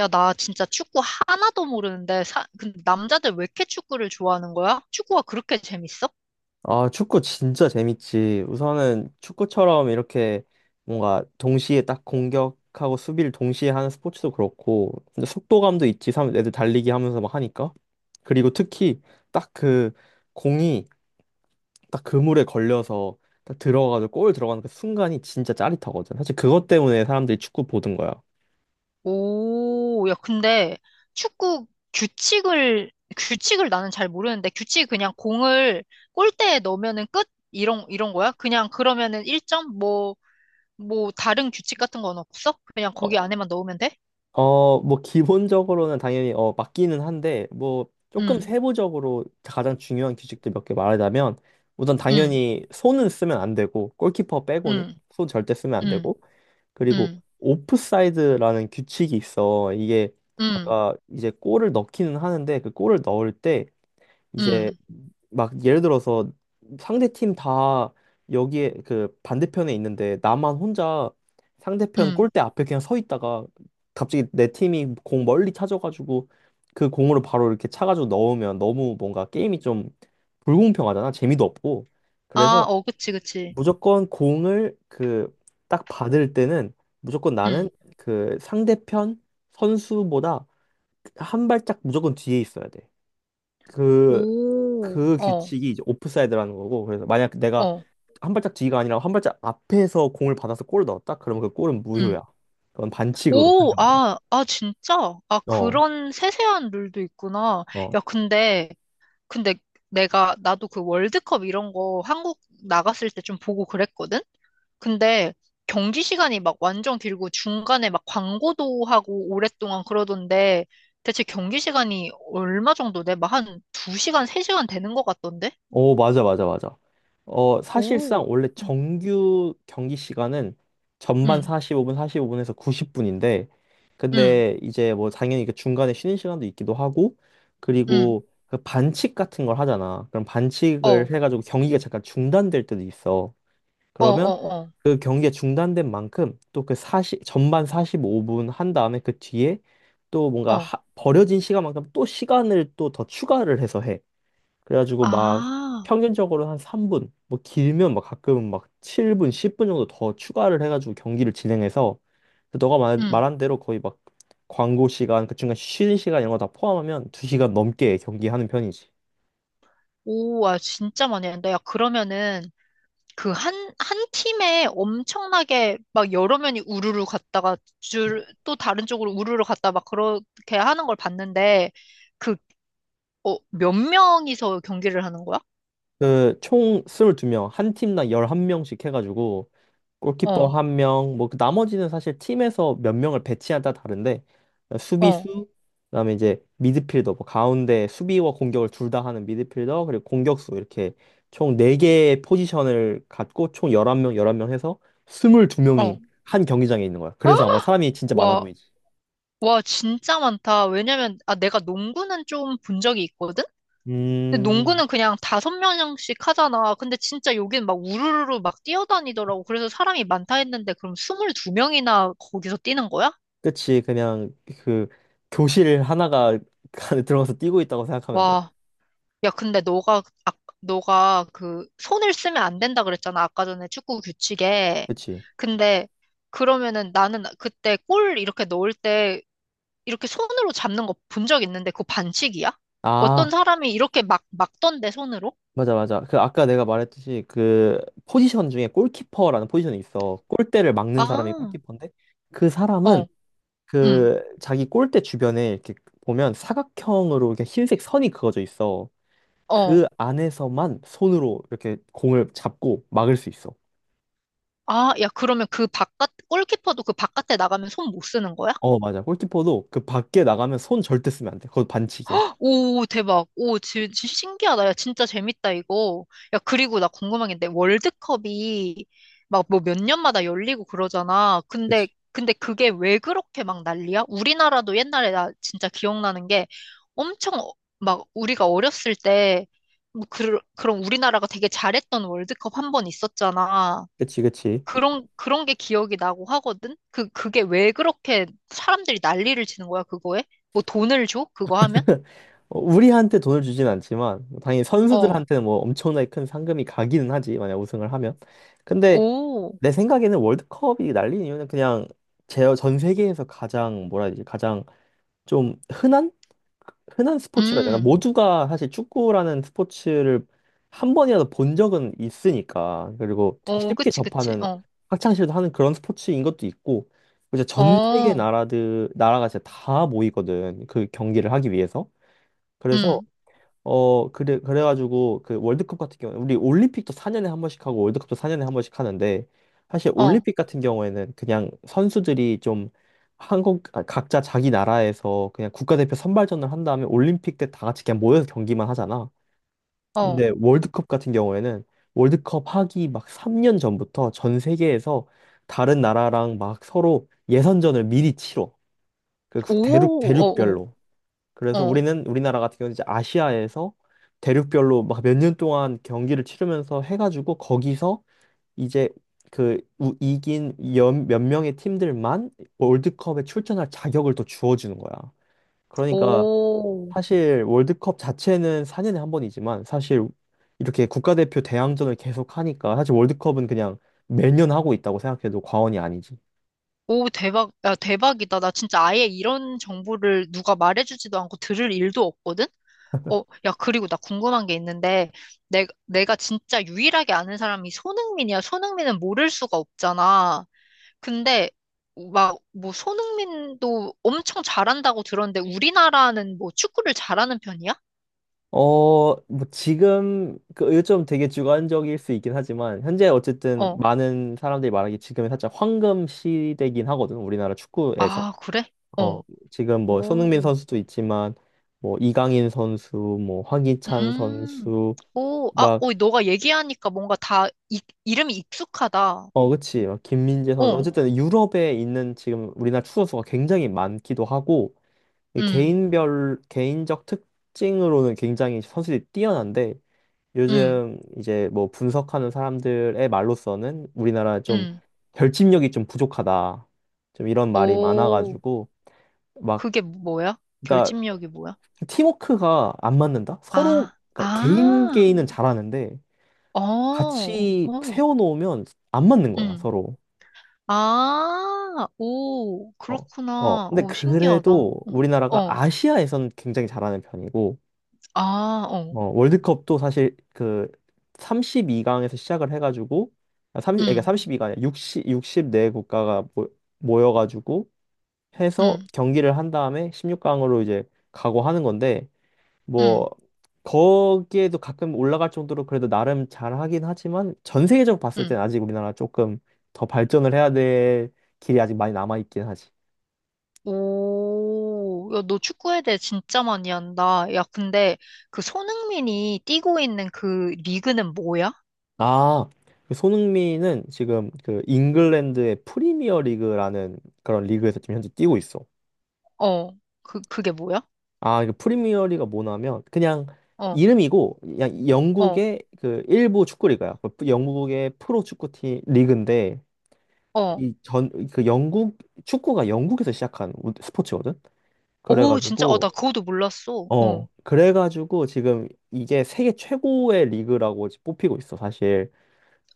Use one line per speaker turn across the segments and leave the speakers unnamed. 야, 나 진짜 축구 하나도 모르는데, 근데 남자들 왜 이렇게 축구를 좋아하는 거야? 축구가 그렇게 재밌어?
아, 축구 진짜 재밌지. 우선은 축구처럼 이렇게 뭔가 동시에 딱 공격하고 수비를 동시에 하는 스포츠도 그렇고, 근데 속도감도 있지. 애들 달리기 하면서 막 하니까. 그리고 특히 딱 그 공이 딱 그물에 걸려서 딱 들어가서 골 들어가는 그 순간이 진짜 짜릿하거든. 사실 그것 때문에 사람들이 축구 보던 거야.
오, 야, 근데 축구 규칙을, 규칙을 나는 잘 모르는데, 규칙이 그냥 공을 골대에 넣으면은 끝? 이런 거야? 그냥 그러면은 1점? 뭐, 다른 규칙 같은 건 없어? 그냥 거기 안에만 넣으면 돼?
뭐, 기본적으로는 당연히, 맞기는 한데, 뭐, 조금
응,
세부적으로 가장 중요한 규칙들 몇 개 말하자면, 우선
응,
당연히 손은 쓰면 안 되고, 골키퍼 빼고는
응,
손 절대 쓰면 안
응,
되고, 그리고
응,
오프사이드라는 규칙이 있어. 이게,
응,
아까 이제 골을 넣기는 하는데, 그 골을 넣을 때, 이제
응,
막 예를 들어서 상대 팀 다 여기에 그 반대편에 있는데 나만 혼자 상대편
응.
골대 앞에 그냥 서 있다가 갑자기 내 팀이 공 멀리 찾아가지고 그 공으로 바로 이렇게 차가지고 넣으면 너무 뭔가 게임이 좀 불공평하잖아. 재미도 없고.
아,
그래서
어, 그치, 그치.
무조건 공을 그 딱 받을 때는 무조건 나는
응.
그 상대편 선수보다 한 발짝 무조건 뒤에 있어야 돼. 그,
오,
그
어.
규칙이 이제 오프사이드라는 거고, 그래서 만약 내가
어.
한 발짝 뒤가 아니라 한 발짝 앞에서 공을 받아서 골을 넣었다? 그러면 그 골은
응.
무효야. 그건 반칙으로
오,
판정돼.
아, 아, 진짜? 아,
어,
그런 세세한 룰도 있구나.
어.
야, 근데, 근데 나도 그 월드컵 이런 거 한국 나갔을 때 좀 보고 그랬거든? 근데 경기 시간이 막 완전 길고 중간에 막 광고도 하고 오랫동안 그러던데 대체 경기 시간이 얼마 정도 돼? 막 한 2시간, 3시간 되는 것 같던데?
오, 맞아, 맞아, 맞아. 사실상
오,
원래
응,
정규 경기 시간은 전반
응,
45분, 45분에서 90분인데,
응,
근데 이제 뭐 당연히 그 중간에 쉬는 시간도 있기도 하고,
응,
그리고 그 반칙 같은 걸 하잖아. 그럼
어, 어,
반칙을 해가지고 경기가 잠깐 중단될 때도 있어.
어,
그러면
어,
그 경기가 중단된 만큼 또 그 사십 전반 45분 한 다음에 그 뒤에 또 뭔가
어.
버려진 시간만큼 또 시간을 또 더 추가를 해서 해. 그래가지고 막
아,
평균적으로 한 3분, 뭐 길면 막 가끔은 막 7분, 10분 정도 더 추가를 해가지고 경기를 진행해서 그 너가 말한 대로 거의 막 광고 시간, 그 중간 쉬는 시간 이런 거 다 포함하면 2시간 넘게 경기하는 편이지.
오, 와, 진짜 많이 한다. 야, 그러면은 그 한 팀에 엄청나게 막 여러 면이 우르르 갔다가 줄, 또 다른 쪽으로 우르르 갔다 막 그렇게 하는 걸 봤는데 그, 어, 몇 명이서 경기를 하는 거야?
그 총 22명, 한 팀당 11명씩 해가지고 골키퍼
어,
한 명, 뭐그 나머지는 사실 팀에서 몇 명을 배치하다 따라 다른데
어,
수비수, 그다음에 이제 미드필더, 뭐 가운데 수비와 공격을 둘 다 하는 미드필더, 그리고 공격수 이렇게 총 네개의 포지션을 갖고 총 11명 해서
어.
22명이 한 경기장에 있는 거야. 그래서 아마 사람이 진짜 많아
와,
보이지.
와, 진짜 많다. 왜냐면, 아, 내가 농구는 좀 본 적이 있거든? 근데
음,
농구는 그냥 다섯 명씩 하잖아. 근데 진짜 여긴 막 우르르르 막 뛰어다니더라고. 그래서 사람이 많다 했는데 그럼 22명이나 거기서 뛰는 거야?
그치. 그냥 그 교실 하나가 안에 들어가서 뛰고 있다고 생각하면 돼.
와. 야, 근데 너가 그 손을 쓰면 안 된다 그랬잖아. 아까 전에 축구 규칙에.
그치.
근데 그러면은 나는 그때 골 이렇게 넣을 때 이렇게 손으로 잡는 거 본 적 있는데 그거 반칙이야? 어떤
아,
사람이 이렇게 막 막던데 손으로?
맞아, 맞아. 그 아까 내가 말했듯이 그 포지션 중에 골키퍼라는 포지션이 있어. 골대를 막는 사람이
아,
골키퍼인데 그 사람은
어, 응,
그 자기 골대 주변에 이렇게 보면 사각형으로 이렇게 흰색 선이 그어져 있어.
어.
그 안에서만 손으로 이렇게 공을 잡고 막을 수 있어.
아, 야, 그러면 그 바깥, 골키퍼도 그 바깥에 나가면 손 못 쓰는 거야?
어, 맞아. 골키퍼도 그 밖에 나가면 손 절대 쓰면 안 돼. 그거 반칙이야.
오, 대박. 오, 진 신기하다. 야, 진짜 재밌다, 이거. 야, 그리고 나 궁금한 게 있는데, 월드컵이 막 뭐 몇 년마다 열리고 그러잖아. 근데,
그치.
근데 그게 왜 그렇게 막 난리야? 우리나라도 옛날에 나 진짜 기억나는 게 엄청 막 우리가 어렸을 때, 뭐 그런 우리나라가 되게 잘했던 월드컵 한 번 있었잖아.
그치, 그치.
그런 게 기억이 나고 하거든? 그게 왜 그렇게 사람들이 난리를 치는 거야, 그거에? 뭐 돈을 줘? 그거 하면?
우리한테 돈을 주진 않지만 뭐 당연히
어,
선수들한테는 뭐 엄청나게 큰 상금이 가기는 하지 만약 우승을 하면. 근데
오,
내 생각에는 월드컵이 날린 이유는 그냥 제 전 세계에서 가장 뭐라 해야 되지, 가장 좀 흔한 스포츠라 해야 되나.
음,
모두가 사실 축구라는 스포츠를 한 번이라도 본 적은 있으니까. 그리고 되게
어,
쉽게
그치, 그치,
접하는,
어,
학창시절도 하는 그런 스포츠인 것도 있고, 이제 전 세계
어,
나라들, 나라가 진짜 다 모이거든. 그 경기를 하기 위해서. 그래서
음,
그래, 그래가지고, 그 월드컵 같은 경우에, 우리 올림픽도 4년에 한 번씩 하고 월드컵도 4년에 한 번씩 하는데, 사실
어,
올림픽 같은 경우에는 그냥 선수들이 좀 아, 각자 자기 나라에서 그냥 국가대표 선발전을 한 다음에 올림픽 때 다 같이 그냥 모여서 경기만 하잖아.
어,
근데 월드컵 같은 경우에는 월드컵 하기 막 3년 전부터 전 세계에서 다른 나라랑 막 서로 예선전을 미리 치러. 그 대륙,
오, 어,
대륙별로.
어,
그래서
어,
우리는 우리나라 같은 경우는 이제 아시아에서 대륙별로 막 몇 년 동안 경기를 치르면서 해가지고 거기서 이제 그 몇 명의 팀들만 월드컵에 출전할 자격을 또 주어주는 거야. 그러니까
오,
사실 월드컵 자체는 4년에 한 번이지만 사실 이렇게 국가대표 대항전을 계속 하니까 사실 월드컵은 그냥 매년 하고 있다고 생각해도 과언이 아니지.
오, 대박, 야, 대박이다. 나 진짜 아예 이런 정보를 누가 말해주지도 않고 들을 일도 없거든? 어, 야, 그리고 나 궁금한 게 있는데, 내가 진짜 유일하게 아는 사람이 손흥민이야. 손흥민은 모를 수가 없잖아. 근데, 막, 뭐, 손흥민도 엄청 잘한다고 들었는데, 우리나라는 뭐, 축구를 잘하는 편이야?
뭐 지금 그 요즘 되게 주관적일 수 있긴 하지만 현재 어쨌든
어.
많은 사람들이 말하기 지금이 살짝 황금 시대긴 하거든. 우리나라 축구에서.
아, 그래?
어,
어.
지금 뭐 손흥민
오.
선수도 있지만 뭐 이강인 선수, 뭐 황희찬
음.
선수
오, 아,
막.
어, 너가 얘기하니까 뭔가 이름이 익숙하다.
그치. 막 김민재 선수.
어.
어쨌든 유럽에 있는 지금 우리나라 축구 선수가 굉장히 많기도 하고, 이
음,
개인별 개인적 특징으로는 굉장히 선수들이 뛰어난데,
음,
요즘 이제 뭐 분석하는 사람들의 말로서는 우리나라 좀
음.
결집력이 좀 부족하다. 좀 이런 말이
오,
많아가지고 막,
그게 뭐야?
그러니까
결집력이 뭐야?
팀워크가 안 맞는다. 서로.
아,
그러니까 개인
아,
개인은 잘하는데
어,
같이
어,
세워놓으면 안 맞는 거야,
응.
서로.
아, 오,
어, 어.
그렇구나.
근데
오, 신기하다. 어,
그래도 우리나라가
어,
아시아에서는 굉장히 잘하는 편이고,
아, 어,
월드컵도 사실 그 삼십이 강에서 시작을 해가지고 아, 30,
응,
그러니까 이2가 아니라 6육십4 국가가 모여가지고 해서
응,
경기를 한 다음에 16강으로 이제 가고 하는 건데,
응,
뭐 거기에도 가끔 올라갈 정도로 그래도 나름 잘하긴 하지만 전 세계적으로 봤을 땐
응.
아직 우리나라 조금 더 발전을 해야 될 길이 아직 많이 남아있긴 하지.
오, 야, 너 축구에 대해 진짜 많이 한다. 야, 근데 그 손흥민이 뛰고 있는 그 리그는 뭐야?
아, 그 손흥민은 지금 그 잉글랜드의 프리미어 리그라는 그런 리그에서 지금 현재 뛰고 있어.
어, 그게 뭐야?
아, 이 프리미어 리그가 뭐냐면 그냥
어,
이름이고 그냥
어,
영국의 그 일부 축구 리그야. 그 영국의 프로 축구팀 리그인데
어.
이 전 그 영국 축구가 영국에서 시작한 스포츠거든.
오, 진짜, 어, 나
그래가지고
그것도 몰랐어. 어,
그래가지고 지금 이게 세계 최고의 리그라고 뽑히고 있어, 사실.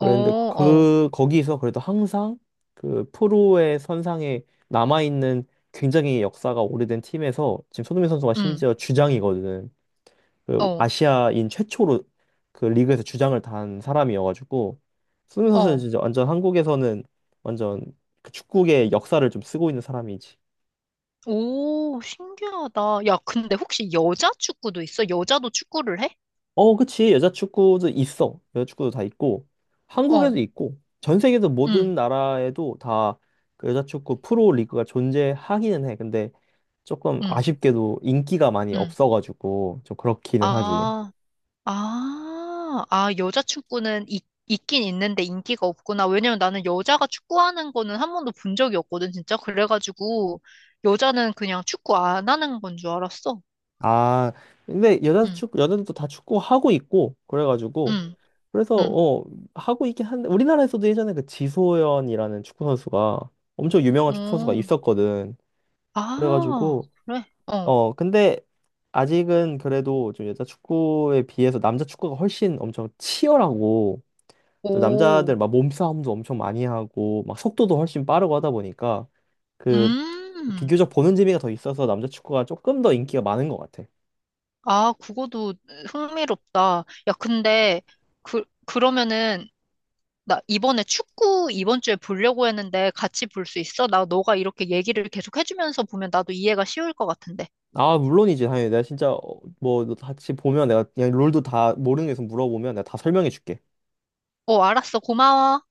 그 런데
어,
그 거기서 그래도 항상 그 프로의 선상에 남아 있는 굉장히 역사가 오래된 팀에서 지금 손흥민 선수가
응,
심지어 주장이거든. 그
어,
아시아인 최초로 그 리그에서 주장을 단 사람이어가지고 손흥민 선수는
어.
진짜 완전 한국에서는 완전 그 축구의 역사를 좀 쓰고 있는 사람이지.
오, 신기하다. 야, 근데 혹시 여자 축구도 있어? 여자도 축구를 해?
어, 그치. 여자 축구도 있어. 여자 축구도 다 있고, 한국에도
어,
있고, 전 세계에서
응,
모든 나라에도 다그 여자 축구 프로 리그가 존재하기는 해. 근데 조금
응,
아쉽게도 인기가 많이
응.
없어가지고, 좀 그렇기는 하지.
아, 아, 아, 여자 축구는 있긴 있는데 인기가 없구나. 왜냐면 나는 여자가 축구하는 거는 한 번도 본 적이 없거든, 진짜. 그래가지고, 여자는 그냥 축구 안 하는 건 줄 알았어.
아, 근데 여자
응,
축구, 여자들도 다 축구하고 있고, 그래가지고,
응,
그래서,
응.
하고 있긴 한데, 우리나라에서도 예전에 그 지소연이라는 축구 선수가, 엄청 유명한 축구 선수가
오,
있었거든.
아,
그래가지고,
그래? 어,
근데 아직은 그래도 좀 여자 축구에 비해서 남자 축구가 훨씬 엄청 치열하고, 또
오,
남자들 막 몸싸움도 엄청 많이 하고 막 속도도 훨씬 빠르고 하다 보니까 그
음.
비교적 보는 재미가 더 있어서 남자 축구가 조금 더 인기가 많은 것 같아.
아, 그거도 흥미롭다. 야, 근데, 그러면은, 나 이번에 축구 이번 주에 보려고 했는데 같이 볼 수 있어? 나 너가 이렇게 얘기를 계속 해주면서 보면 나도 이해가 쉬울 것 같은데.
아, 물론이지. 당연히 내가 진짜 뭐너 같이 보면 내가 그냥 롤도 다 모르는 게 있으면 물어보면 내가 다 설명해 줄게.
어, 알았어. 고마워.